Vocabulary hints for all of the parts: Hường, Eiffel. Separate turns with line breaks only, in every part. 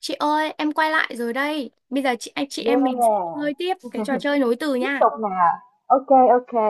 Chị ơi, em quay lại rồi đây. Bây giờ chị anh chị em mình sẽ
Yeah,
chơi tiếp cái trò chơi nối từ
tiếp
nha.
tục nè. Ok, ok.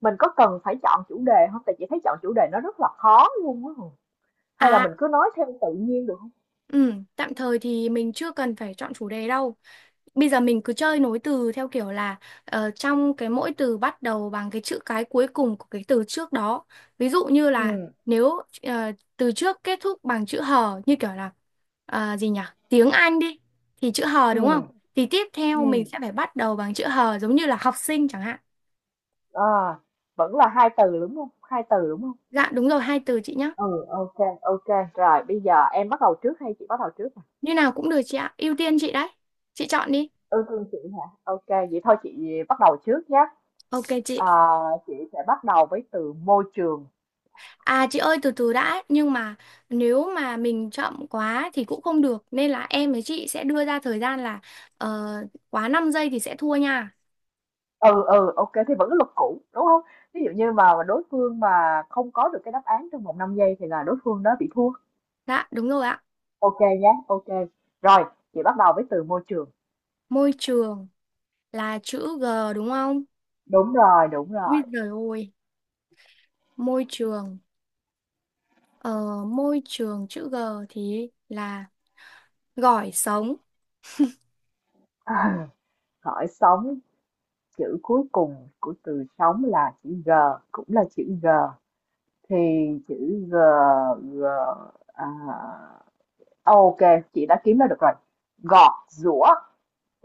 Mình có cần phải chọn chủ đề không? Tại chị thấy chọn chủ đề nó rất là khó luôn á. Hường. Hay là
À,
mình cứ nói theo tự nhiên được không?
ừ, tạm thời thì mình chưa cần phải chọn chủ đề đâu. Bây giờ mình cứ chơi nối từ theo kiểu là trong cái mỗi từ bắt đầu bằng cái chữ cái cuối cùng của cái từ trước đó. Ví dụ như là
Ừ.
nếu từ trước kết thúc bằng chữ hờ như kiểu là gì nhỉ? Tiếng Anh đi thì chữ hờ
Ừ.
đúng không? Thì tiếp theo mình
Ừ.
sẽ phải bắt đầu bằng chữ hờ giống như là học sinh chẳng hạn.
À, vẫn là hai từ đúng không? Hai từ đúng không?
Dạ đúng rồi, hai từ chị nhá.
Ừ, ok, ok. Rồi, bây giờ em bắt đầu trước hay chị bắt đầu trước nè?
Như nào cũng được chị ạ, ưu tiên chị đấy. Chị chọn đi.
Ừ, thương chị hả? Ok, vậy thôi chị bắt đầu trước nhé.
Ok chị.
À, chị sẽ bắt đầu với từ môi trường.
À chị ơi, từ từ đã, nhưng mà nếu mà mình chậm quá thì cũng không được nên là em với chị sẽ đưa ra thời gian là ờ, quá 5 giây thì sẽ thua nha.
Ừ, ừ, ok thì vẫn cái luật cũ, đúng không? Ví dụ như mà đối phương mà không có được cái đáp án trong vòng 5 giây thì là đối phương đó bị thua.
Dạ, đúng rồi ạ.
Ok nhé. Ok. Rồi, chị bắt đầu với từ môi trường.
Môi trường là chữ G đúng không?
Đúng rồi, đúng
Ui
rồi.
giời ơi, môi trường ờ, môi trường chữ G thì là gỏi sống.
À, hỏi sống, chữ cuối cùng của từ sống là chữ G, cũng là chữ G. Thì chữ G, G, à, ô chị đã kiếm ra được rồi. Gọt, giũa.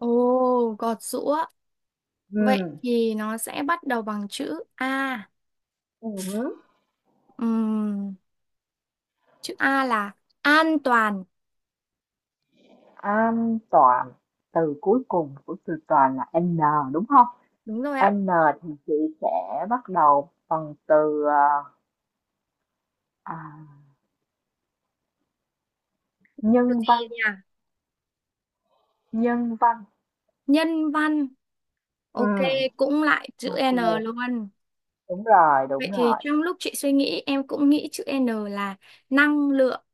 Ồ, gọt giũa. Vậy
Ừm.
thì nó sẽ bắt đầu bằng chữ A.
Ừm.
Ừm. Chữ A là an toàn.
An toàn, từ cuối cùng của từ toàn là n đúng không?
Đúng rồi ạ.
N thì chị sẽ bắt đầu bằng từ à,
Chữ
nhân
gì
văn.
nhỉ?
Nhân văn.
Nhân văn.
Ừ,
Ok, cũng lại chữ
ok,
N luôn.
đúng rồi, đúng
Vậy thì
rồi.
trong lúc chị suy nghĩ, em cũng nghĩ chữ N là năng lượng.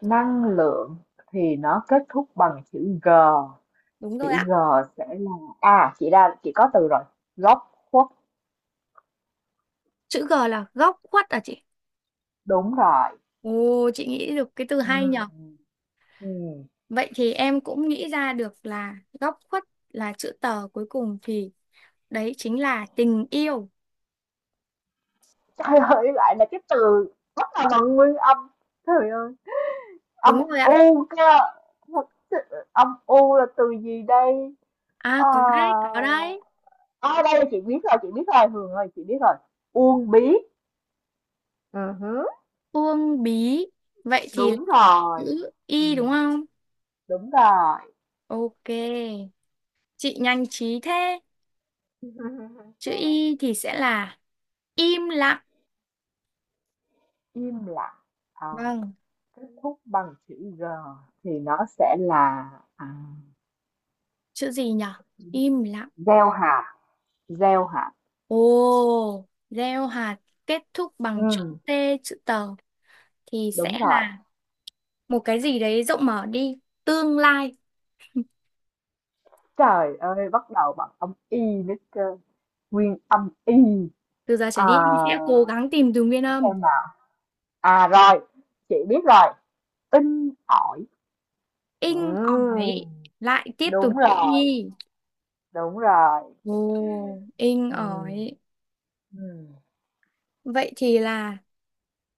Năng lượng thì nó kết thúc bằng chữ g.
Đúng rồi
Chữ
ạ.
g sẽ là, chị ra, chị có từ rồi, góc khuất.
Chữ G là góc khuất à chị?
Đúng rồi.
Ồ, chị nghĩ được cái từ
Ừ.
hay nhở.
Ừ.
Vậy thì em cũng nghĩ ra được là góc khuất là chữ tờ cuối cùng thì đấy chính là tình yêu.
Trời ơi, lại là cái từ rất là bằng nguyên âm. Trời ơi. Âm
Đúng rồi ạ.
u cơ, âm u là từ gì đây?
À,
À
có đấy, có đấy.
a, đây chị biết rồi, Hường ơi, chị biết rồi. Uông bí. Ừ hứ.
Uông bí. Vậy thì là
Đúng rồi.
chữ Y đúng
Ừm,
không?
đúng rồi.
Ok, chị nhanh trí thế. Chữ Y thì sẽ là im lặng.
Im lặng. Ờ,
Vâng,
kết thúc bằng chữ G thì nó sẽ là, à,
chữ gì nhở? Im lặng.
gieo hạt, gieo hạt.
Ồ, gieo hạt kết thúc bằng chữ
Ừm,
T, chữ tờ thì
đúng
sẽ là
rồi.
một cái gì đấy rộng mở đi. Tương lai.
Trời ơi, bắt đầu bằng âm y nữa cơ. Nguyên âm y.
Từ giờ trở
À,
đi em sẽ cố gắng tìm từ nguyên âm.
xem nào. À, rồi, chị biết rồi, in ỏi.
Inh ỏi.
Ừm,
Lại tiếp tục
đúng
chữ
rồi,
Y.
đúng rồi.
Ồ, in
Ừm,
ỏi.
ừm.
Vậy thì là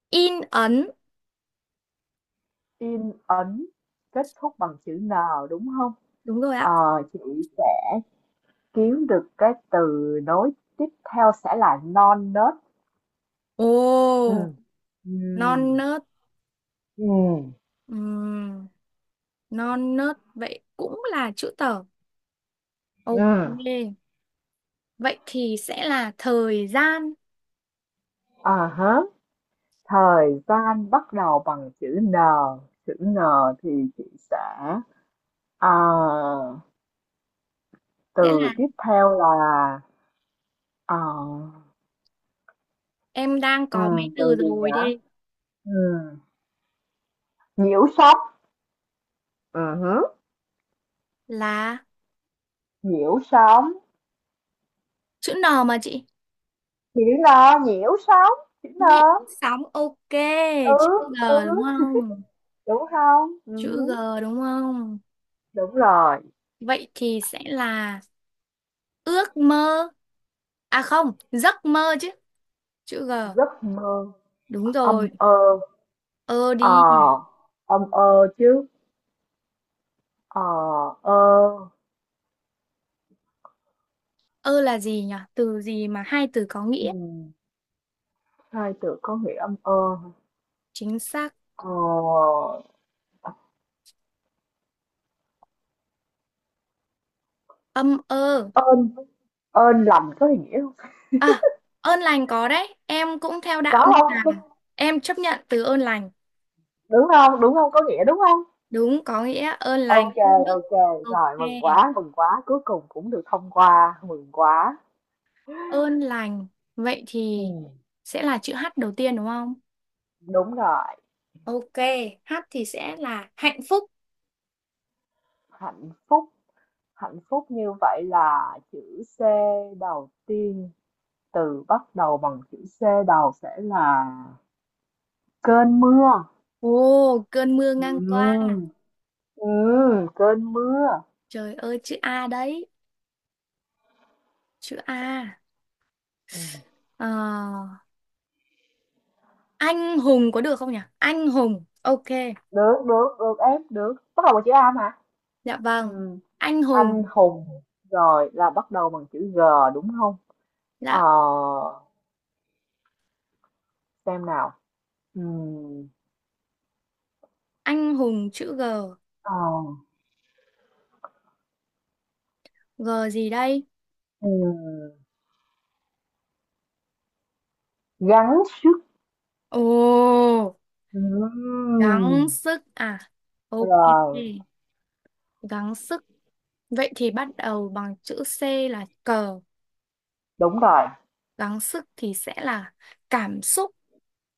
in ấn.
In ấn kết thúc bằng chữ N đúng không?
Đúng rồi ạ.
Ờ, chị sẽ kiếm được cái từ nối tiếp theo sẽ là non nớt.
Ồ,
Ừm,
non
ừm,
nớt.
ừm,
Ừ, non nớt vậy cũng là chữ tờ, ok,
ừm.
vậy thì sẽ là thời gian,
À hả, thời gian bắt đầu bằng chữ N thì chị sẽ, à,
sẽ
từ
là
tiếp theo là, ờ,
em đang có mấy
từ
từ
gì
rồi
nhỉ?
đây,
Ừm, Nhiễu sóng. Ừ hứ.
là
Nhiễu sóng
chữ N mà chị,
thì đứa lo nhiễu sóng, đứa lo.
nhịn sóng, ok,
Ừ.
chữ G
Ừ,
đúng không,
đúng không? Ừ,
chữ G đúng không,
đúng rồi.
vậy thì sẽ là ước mơ, à không giấc mơ chứ, chữ G
Giấc mơ.
đúng
Âm
rồi,
ơ.
ơ đi,
Ờ, âm ơ chứ. Ờ. Ơ.
ơ là gì nhỉ, từ gì mà hai từ có
Ừ.
nghĩa,
Hai từ có nghĩa, âm ơ.
chính xác
ờ
âm ơ.
ơn ơn lành có nghĩa không?
À, ơn lành có đấy, em cũng theo đạo nên
Có
là
không,
em chấp nhận từ ơn lành.
đúng không? Đúng không, có nghĩa đúng không?
Đúng, có nghĩa ơn lành,
Ok.
phúc đức.
Ok.
Ok,
Rồi mừng quá, cuối cùng cũng được thông qua, mừng quá.
ơn lành. Vậy thì
Ừm,
sẽ là chữ H đầu tiên đúng không?
đúng rồi,
Ok, H thì sẽ là hạnh phúc.
hạnh phúc, hạnh phúc như vậy là chữ C đầu tiên, từ bắt đầu bằng chữ C đầu sẽ là cơn mưa.
Ồ, cơn mưa ngang qua.
Ừm, cơn mưa.
Trời ơi, chữ A đấy, chữ A.
Ừm.
Ờ, anh hùng có được không nhỉ? Anh hùng, ok.
Được, được, được em, được. Bắt đầu bằng chữ A mà.
Dạ vâng,
Ừm,
anh
anh
hùng.
hùng, rồi là bắt đầu bằng chữ G đúng không? Ờ,
Dạ,
xem nào. Ừm,
anh hùng chữ G.
ờ,
G gì đây?
ừm, Gắng sức.
Ồ,
Ừm,
gắng sức à? Ok,
rồi,
gắng sức. Vậy thì bắt đầu bằng chữ C là cờ,
đúng rồi,
gắng sức thì sẽ là cảm xúc,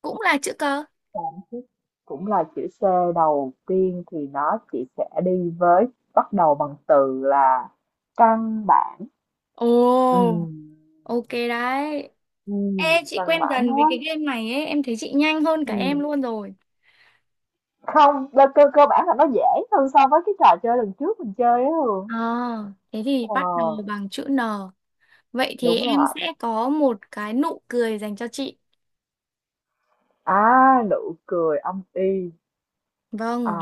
cũng là chữ cờ.
gắng sức cũng là chữ C đầu tiên thì nó chỉ sẽ đi với bắt đầu bằng từ là căn bản.
Ồ,
Ừm,
ok đấy. Ê, chị
căn
quen
bản
dần với
thôi.
cái game này ấy, em thấy chị nhanh hơn cả em
Ừm,
luôn rồi.
không, cơ cơ cơ bản là nó dễ hơn so với cái trò chơi lần trước mình chơi á, Hường.
À, thế thì
Ờ,
bắt đầu bằng chữ N. Vậy thì
đúng
em
rồi,
sẽ có một cái nụ cười dành cho chị.
nụ cười âm y. À.
Vâng,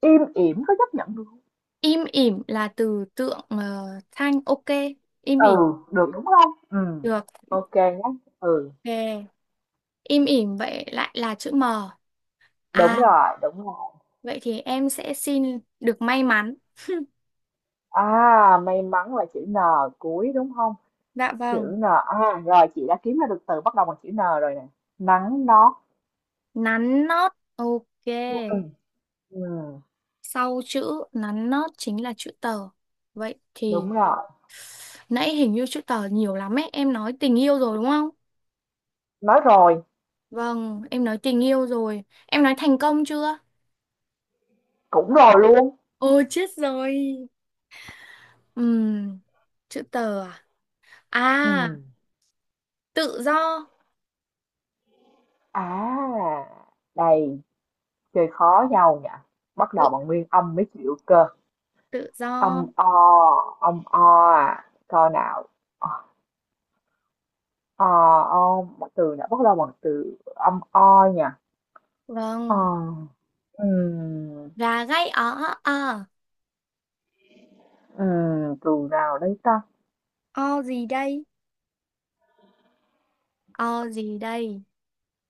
Im ỉm có chấp nhận được không?
Im ỉm là từ tượng thanh, ok. Im
Ừ,
ỉm
được đúng không? Ừ.
được.
Ok nhé. Ừ,
Ok. Im ỉm vậy lại là chữ M.
đúng
À,
rồi, đúng rồi.
vậy thì em sẽ xin được may mắn.
À, may mắn là chữ N cuối đúng không?
Dạ vâng.
Chữ N. À, rồi chị đã kiếm ra được từ bắt đầu bằng chữ N rồi nè. Nắng nót.
Nắn nót. Ok.
Ừ, ừ,
Sau chữ nắn nót chính là chữ tờ. Vậy thì
đúng rồi.
nãy hình như chữ tờ nhiều lắm ấy. Em nói tình yêu rồi đúng không?
Nói rồi,
Vâng, em nói tình yêu rồi. Em nói thành công chưa?
cũng rồi luôn.
Ôi chết rồi. Ừm, chữ tờ à?
Ừ.
À, tự do.
À, đây, chơi khó nhau nhỉ. Bắt
Tự
đầu bằng nguyên âm mới chịu cơ.
tự
Âm
do.
o, âm o à. Coi nào. Ờ. Ông một từ nữa bắt đầu bằng từ âm o nhỉ. ờ
Vâng.
ừm,
Gà gáy ó ó ó.
Từ nào đây ta?
O gì đây? O gì đây?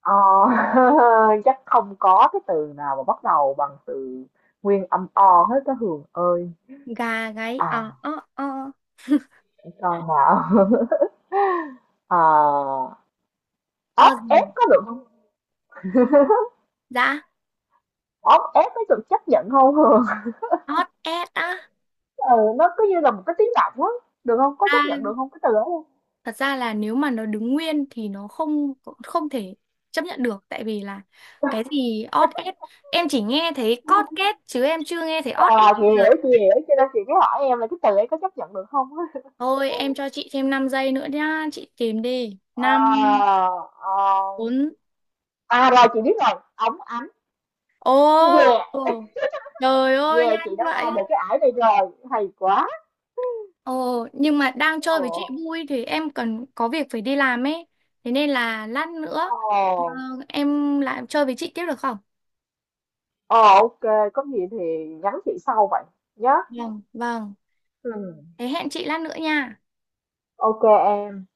ờ chắc không có cái từ nào mà bắt đầu bằng từ nguyên âm o hết cái, Hường ơi.
Gà gáy o
à
o o.
để coi nào. ờ
O
ốc ép
gì?
có được không?
Dạ.
Ốc ép có được chấp nhận không, Hường?
Ót ét á.
Ừ, nó cứ như là một cái tiếng động á. Được không, có chấp nhận
À,
được không cái từ đó không?
thật ra là nếu mà nó đứng nguyên thì nó không không thể chấp nhận được tại vì là cái gì ót ét, em chỉ nghe thấy cót két chứ em chưa nghe thấy ót ét
Chị
bao giờ.
hiểu, chị hiểu cho nên chị mới hỏi em là cái từ ấy có chấp nhận được không.
Thôi em cho chị thêm 5 giây nữa nhá, chị tìm đi. 5,
Ờ, ờ.
4.
Rồi chị biết rồi, ống ánh.
Ô,
Về.
ồ, trời ơi
Về,
nhanh
chị đã qua được
vậy.
cái ải này rồi, hay quá.
Ờ, nhưng mà đang chơi
Ồ.
với chị vui thì em cần có việc phải đi làm ấy. Thế nên là lát nữa
Ồ.
ờ, em lại chơi với chị tiếp được không?
Ồ. Ok, có gì thì nhắn chị sau vậy nhé.
Vâng, vâng.
Ừ.
Thế hẹn chị lát nữa nha.
Ok em.